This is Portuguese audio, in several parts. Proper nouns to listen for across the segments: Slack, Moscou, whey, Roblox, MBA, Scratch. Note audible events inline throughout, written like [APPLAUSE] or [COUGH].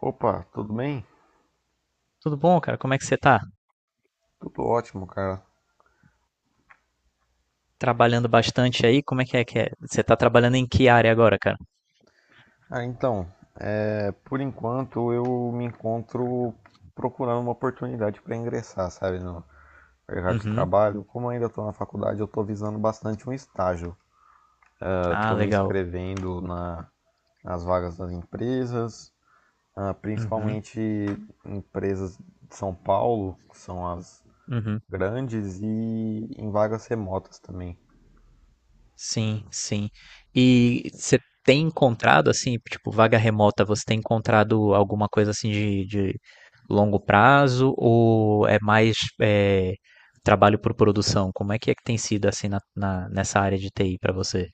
Opa, tudo bem? Tudo bom, cara? Como é que você tá? Tudo ótimo, cara. Trabalhando bastante aí? Como é que é que é? Você tá trabalhando em que área agora, cara? Ah, então, por enquanto eu me encontro procurando uma oportunidade para ingressar, sabe, no mercado de Uhum. trabalho. Como eu ainda estou na faculdade, eu estou visando bastante um estágio. Ah, Estou me legal. inscrevendo nas vagas das empresas, Uhum. principalmente empresas de São Paulo, que são as Uhum. grandes, e em vagas remotas também. Sim, sim. E você tem encontrado, assim, tipo, vaga remota, você tem encontrado alguma coisa assim de longo prazo ou é mais é, trabalho por produção? Como é que tem sido assim nessa área de TI pra você?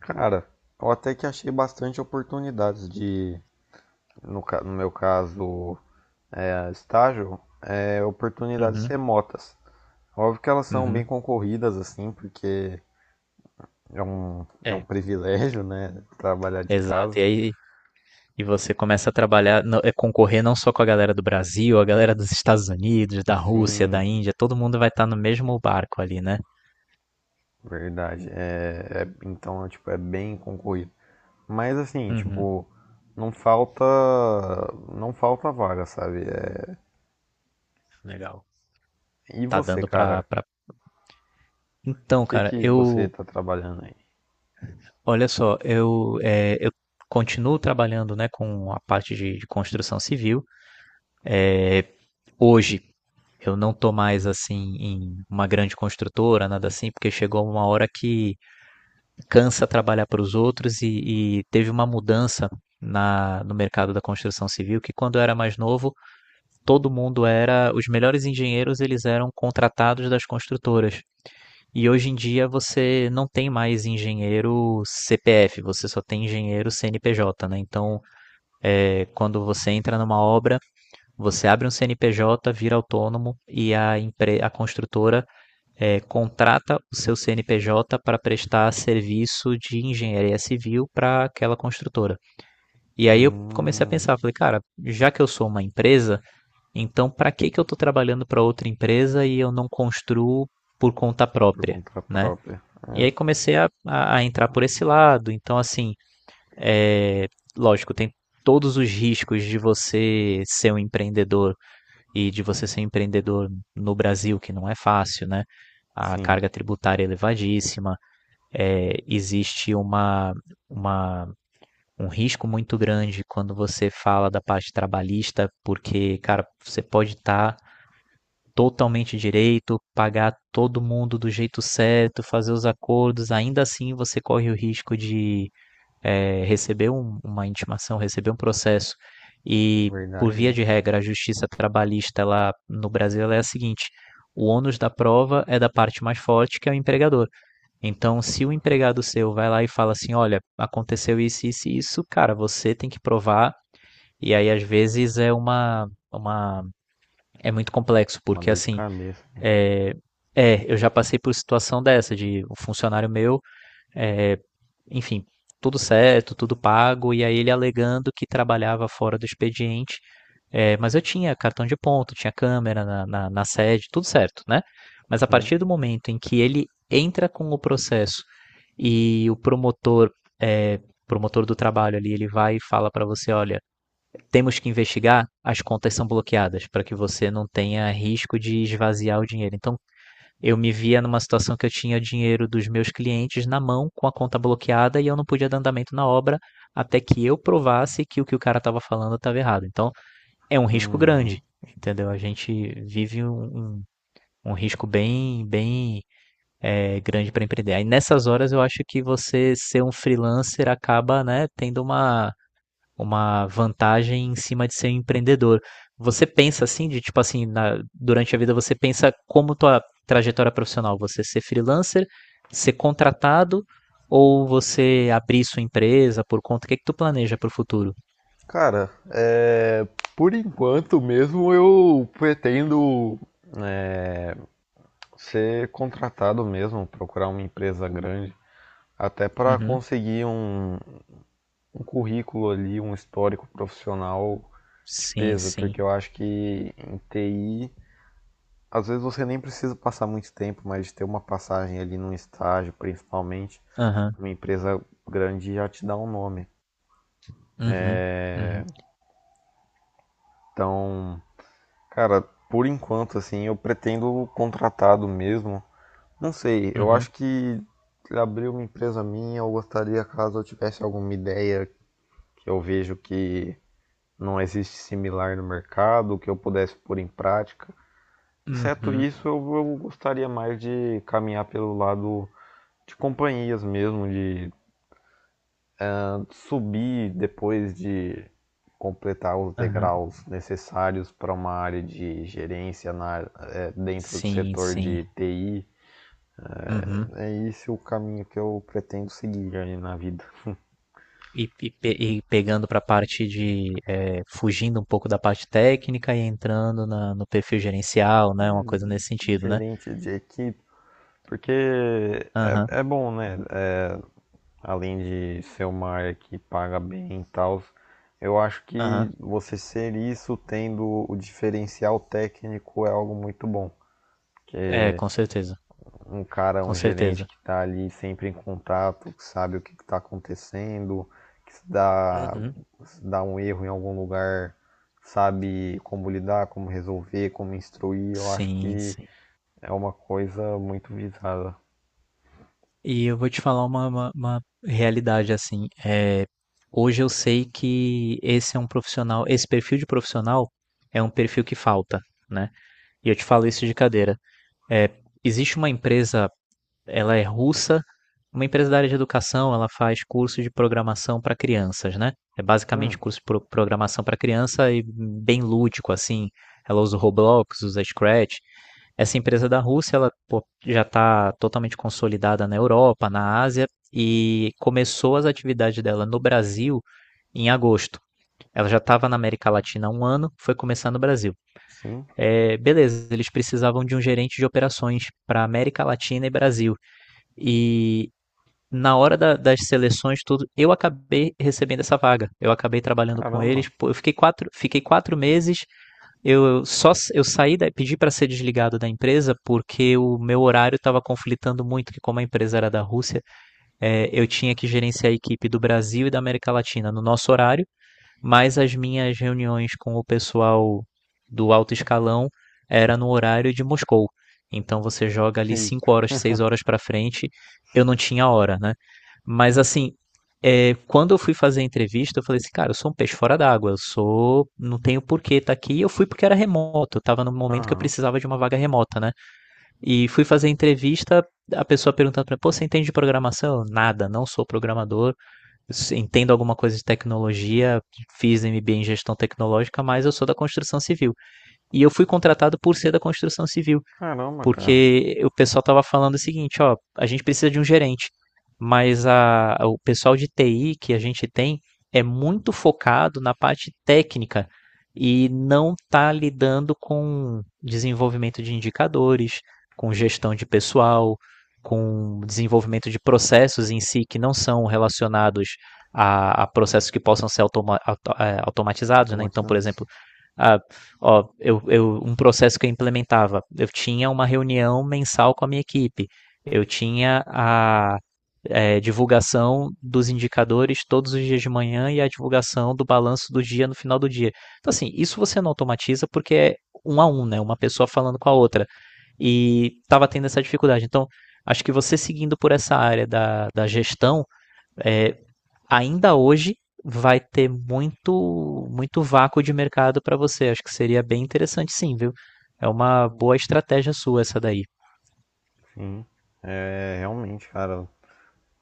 Cara, eu até que achei bastante oportunidades de no meu caso, estágio, oportunidades Uhum. remotas. Óbvio que elas são bem Uhum. concorridas, assim, porque é um, é um É, privilégio, né? Trabalhar de exato. casa. E aí. E você começa a trabalhar, concorrer não só com a galera do Brasil, a galera dos Estados Unidos, da Rússia, da Sim, Índia, todo mundo vai estar no mesmo barco ali, né? verdade. Tipo, é bem concorrido. Mas, assim, Uhum, tipo, não falta, não falta vaga, sabe? É, legal. e Tá você, dando pra, cara? pra... Então, O que cara, que você tá trabalhando aí? olha só, eu continuo trabalhando, né, com a parte de construção civil. Hoje eu não tô mais assim em uma grande construtora, nada assim, porque chegou uma hora que cansa trabalhar para os outros, e teve uma mudança no mercado da construção civil, que quando eu era mais novo, todo mundo era os melhores engenheiros, eles eram contratados das construtoras, e hoje em dia você não tem mais engenheiro CPF, você só tem engenheiro CNPJ, né? Então, quando você entra numa obra, você abre um CNPJ, vira autônomo, e a construtora, contrata o seu CNPJ para prestar serviço de engenharia civil para aquela construtora. E aí eu comecei a Hum, pensar, falei, cara, já que eu sou uma empresa, então para que que eu estou trabalhando para outra empresa e eu não construo por conta por própria, conta né? própria. E É, aí comecei a entrar por esse lado. Então, assim, é, lógico, tem todos os riscos de você ser um empreendedor e de você ser empreendedor no Brasil, que não é fácil, né? A sim, carga tributária é elevadíssima, existe uma, um risco muito grande quando você fala da parte trabalhista, porque, cara, você pode estar tá totalmente direito, pagar todo mundo do jeito certo, fazer os acordos, ainda assim você corre o risco de receber uma intimação, receber um processo, e por verdade, via né? de regra, a justiça trabalhista lá no Brasil, ela é a seguinte: o ônus da prova é da parte mais forte, que é o empregador. Então, se o empregado seu vai lá e fala assim: olha, aconteceu isso, isso e isso, cara, você tem que provar. E aí, às vezes, é uma. Uma é muito complexo, Uma porque dor de assim. cabeça. É, eu já passei por situação dessa, de um funcionário meu, é, enfim, tudo certo, tudo pago, e aí ele alegando que trabalhava fora do expediente. É, mas eu tinha cartão de ponto, tinha câmera na sede, tudo certo, né? Mas a Sim. partir do momento em que ele entra com o processo, e o é, promotor do trabalho ali, ele vai e fala para você: olha, temos que investigar, as contas são bloqueadas para que você não tenha risco de esvaziar o dinheiro. Então eu me via numa situação que eu tinha dinheiro dos meus clientes na mão, com a conta bloqueada, e eu não podia dar andamento na obra até que eu provasse que o cara estava falando estava errado. Então, é um risco grande, Uhum. entendeu? A gente vive um risco bem, bem grande para empreender. Aí, nessas horas, eu acho que você ser um freelancer acaba, né, tendo uma vantagem em cima de ser empreendedor. Você pensa assim, de tipo assim, durante a vida você pensa como tua trajetória profissional, você ser freelancer, ser contratado ou você abrir sua empresa por conta? O que é que tu planeja pro futuro? Cara, é, por enquanto mesmo eu pretendo ser contratado mesmo, procurar uma empresa grande, até para Uhum. conseguir um currículo ali, um histórico profissional de Sim, peso, porque sim. eu acho que em TI, às vezes você nem precisa passar muito tempo, mas ter uma passagem ali num estágio, principalmente, Aham. uma empresa grande já te dá um nome. Uhum. Uhum. Então, cara, por enquanto, assim, eu pretendo contratado mesmo. Não sei, eu Uhum. acho que abrir uma empresa minha, eu gostaria, caso eu tivesse alguma ideia que eu vejo que não existe similar no mercado, que eu pudesse pôr em prática. Exceto Uhum. isso, eu gostaria mais de caminhar pelo lado de companhias mesmo, de subir depois de completar os Aham. degraus necessários para uma área de gerência dentro do Sim, setor sim. de TI. Uhum. É esse é o caminho que eu pretendo seguir aí na vida. E pegando para a parte fugindo um pouco da parte técnica e entrando no perfil gerencial, né? Uma coisa nesse sentido, né? Gerente de equipe, porque Aham, é bom, né? É, além de ser uma área que paga bem e tal, eu acho aham. que você ser isso tendo o diferencial técnico é algo muito bom. É, com certeza, Um cara, com um gerente certeza. que está ali sempre em contato, que sabe o que está acontecendo, que se dá, Uhum. se dá um erro em algum lugar, sabe como lidar, como resolver, como instruir. Eu acho Sim, que sim. é uma coisa muito visada. E eu vou te falar uma realidade assim. Hoje eu sei que esse é um profissional, esse perfil de profissional é um perfil que falta, né? E eu te falo isso de cadeira. é Existe uma empresa, ela é russa, uma empresa da área de educação, ela faz cursos de programação para crianças, né? É Hum, basicamente curso de programação para criança, e bem lúdico, assim. Ela usa o Roblox, usa Scratch. Essa empresa da Rússia, ela, pô, já está totalmente consolidada na Europa, na Ásia, e começou as atividades dela no Brasil em agosto. Ela já estava na América Latina há um ano, foi começar no Brasil. sim, É, beleza, eles precisavam de um gerente de operações para América Latina e Brasil. E na hora das seleções, tudo, eu acabei recebendo essa vaga. Eu acabei trabalhando com eles. caramba. Pô, eu fiquei fiquei 4 meses. Eu só s- eu saí, pedi para ser desligado da empresa porque o meu horário estava conflitando muito. Que como a empresa era da Rússia, eu tinha que gerenciar a equipe do Brasil e da América Latina no nosso horário, mas as minhas reuniões com o pessoal do alto escalão era no horário de Moscou. Então você joga ali Eita, 5 horas, 6 horas para frente. Eu não tinha hora, né? Mas assim, quando eu fui fazer a entrevista, eu falei assim, cara, eu sou um peixe fora d'água, não tenho porquê estar tá aqui. Eu fui porque era remoto, eu tava no momento que eu aham. precisava de uma vaga remota, né? E fui fazer a entrevista, a pessoa perguntando para mim, pô, você entende de programação? Nada, não sou programador, entendo alguma coisa de tecnologia, fiz MBA em gestão tecnológica, mas eu sou da construção civil. E eu fui contratado por ser da construção civil, Caramba, cara. porque o pessoal estava falando o seguinte, ó: a gente precisa de um gerente, mas o pessoal de TI que a gente tem é muito focado na parte técnica e não está lidando com desenvolvimento de indicadores, com gestão de pessoal, com desenvolvimento de processos em si que não são relacionados a processos que possam ser automatizados, né? Então, por Automatizados. exemplo, a, ó, um processo que eu implementava. Eu tinha uma reunião mensal com a minha equipe. Eu tinha a divulgação dos indicadores todos os dias de manhã e a divulgação do balanço do dia no final do dia. Então, assim, isso você não automatiza porque é um a um, né? Uma pessoa falando com a outra. E estava tendo essa dificuldade. Então, acho que você seguindo por essa área da gestão, é, ainda hoje vai ter muito muito vácuo de mercado para você. Acho que seria bem interessante, sim, viu? É uma boa estratégia sua, essa daí. Sim. É, realmente, cara,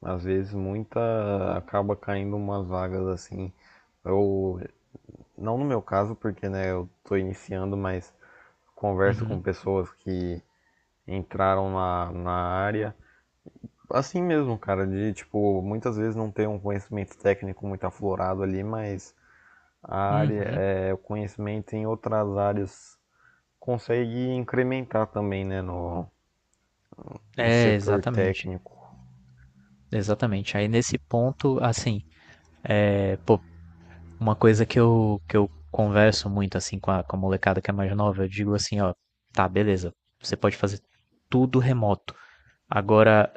às vezes muita acaba caindo umas vagas assim. Eu não no meu caso, porque né, eu tô iniciando, mas converso com Uhum. pessoas que entraram na área. Assim mesmo, cara, de tipo, muitas vezes não ter um conhecimento técnico muito aflorado ali, mas a área, Uhum. é, o conhecimento em outras áreas consegue incrementar também, né, no, no É, setor exatamente. técnico. Exatamente. Aí nesse ponto, assim, pô, uma coisa que eu converso muito assim com a molecada que é mais nova, eu digo assim, ó, tá, beleza, você pode fazer tudo remoto. Agora,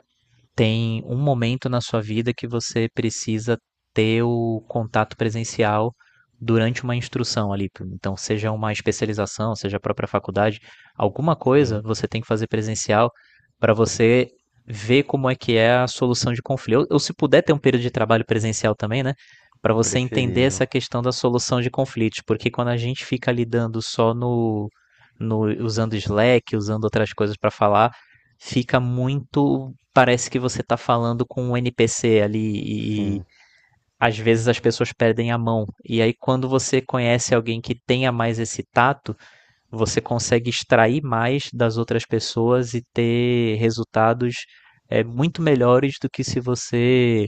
tem um momento na sua vida que você precisa ter o contato presencial durante uma instrução ali. Então, seja uma especialização, seja a própria faculdade, alguma coisa Sim, você tem que fazer presencial para você ver como é que é a solução de conflito. Ou se puder ter um período de trabalho presencial também, né? Para é você entender preferível. essa questão da solução de conflitos, porque quando a gente fica lidando só no, no usando Slack, usando outras coisas para falar, fica muito, parece que você tá falando com um NPC ali, e Sim, às vezes as pessoas perdem a mão. E aí, quando você conhece alguém que tenha mais esse tato, você consegue extrair mais das outras pessoas e ter resultados muito melhores do que se você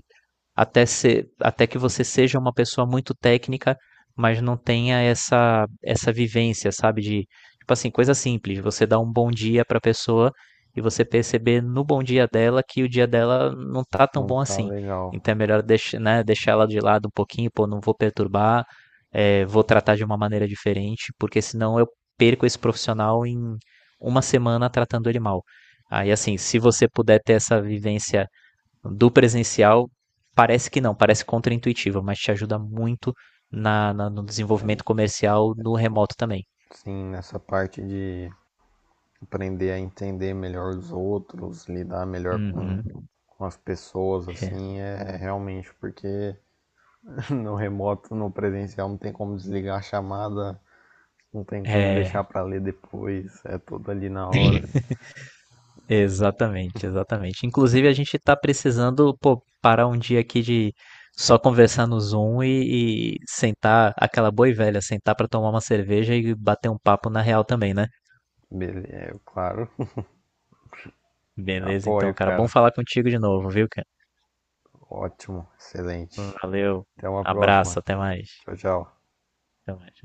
até que você seja uma pessoa muito técnica, mas não tenha essa vivência, sabe? De, tipo assim, coisa simples. Você dá um bom dia pra pessoa, e você perceber no bom dia dela que o dia dela não tá tão não bom tá assim. legal. Então é melhor deixar, né, deixar ela de lado um pouquinho, pô, não vou perturbar, vou tratar de uma maneira diferente, porque senão eu perco esse profissional em uma semana tratando ele mal. Aí, assim, se você puder ter essa vivência do presencial, parece que não, parece contraintuitivo, mas te ajuda muito no desenvolvimento comercial no remoto também. Sim, nessa parte de aprender a entender melhor os outros, lidar melhor Uhum. com as pessoas, É, assim, é realmente porque [LAUGHS] no remoto, no presencial, não tem como desligar a chamada, não tem como deixar é, pra ler depois, é tudo ali na hora. Exatamente, exatamente. Inclusive, a gente está precisando, pô, parar um dia aqui de só conversar no Zoom e sentar, aquela boa e velha, sentar para tomar uma cerveja e bater um papo na real também, né? Beleza, é, claro. [LAUGHS] Beleza, Apoio, então, cara, bom cara. falar contigo de novo, viu, cara? Ótimo, excelente. Valeu, Até uma próxima. abraço, até mais. Tchau, tchau. Até mais.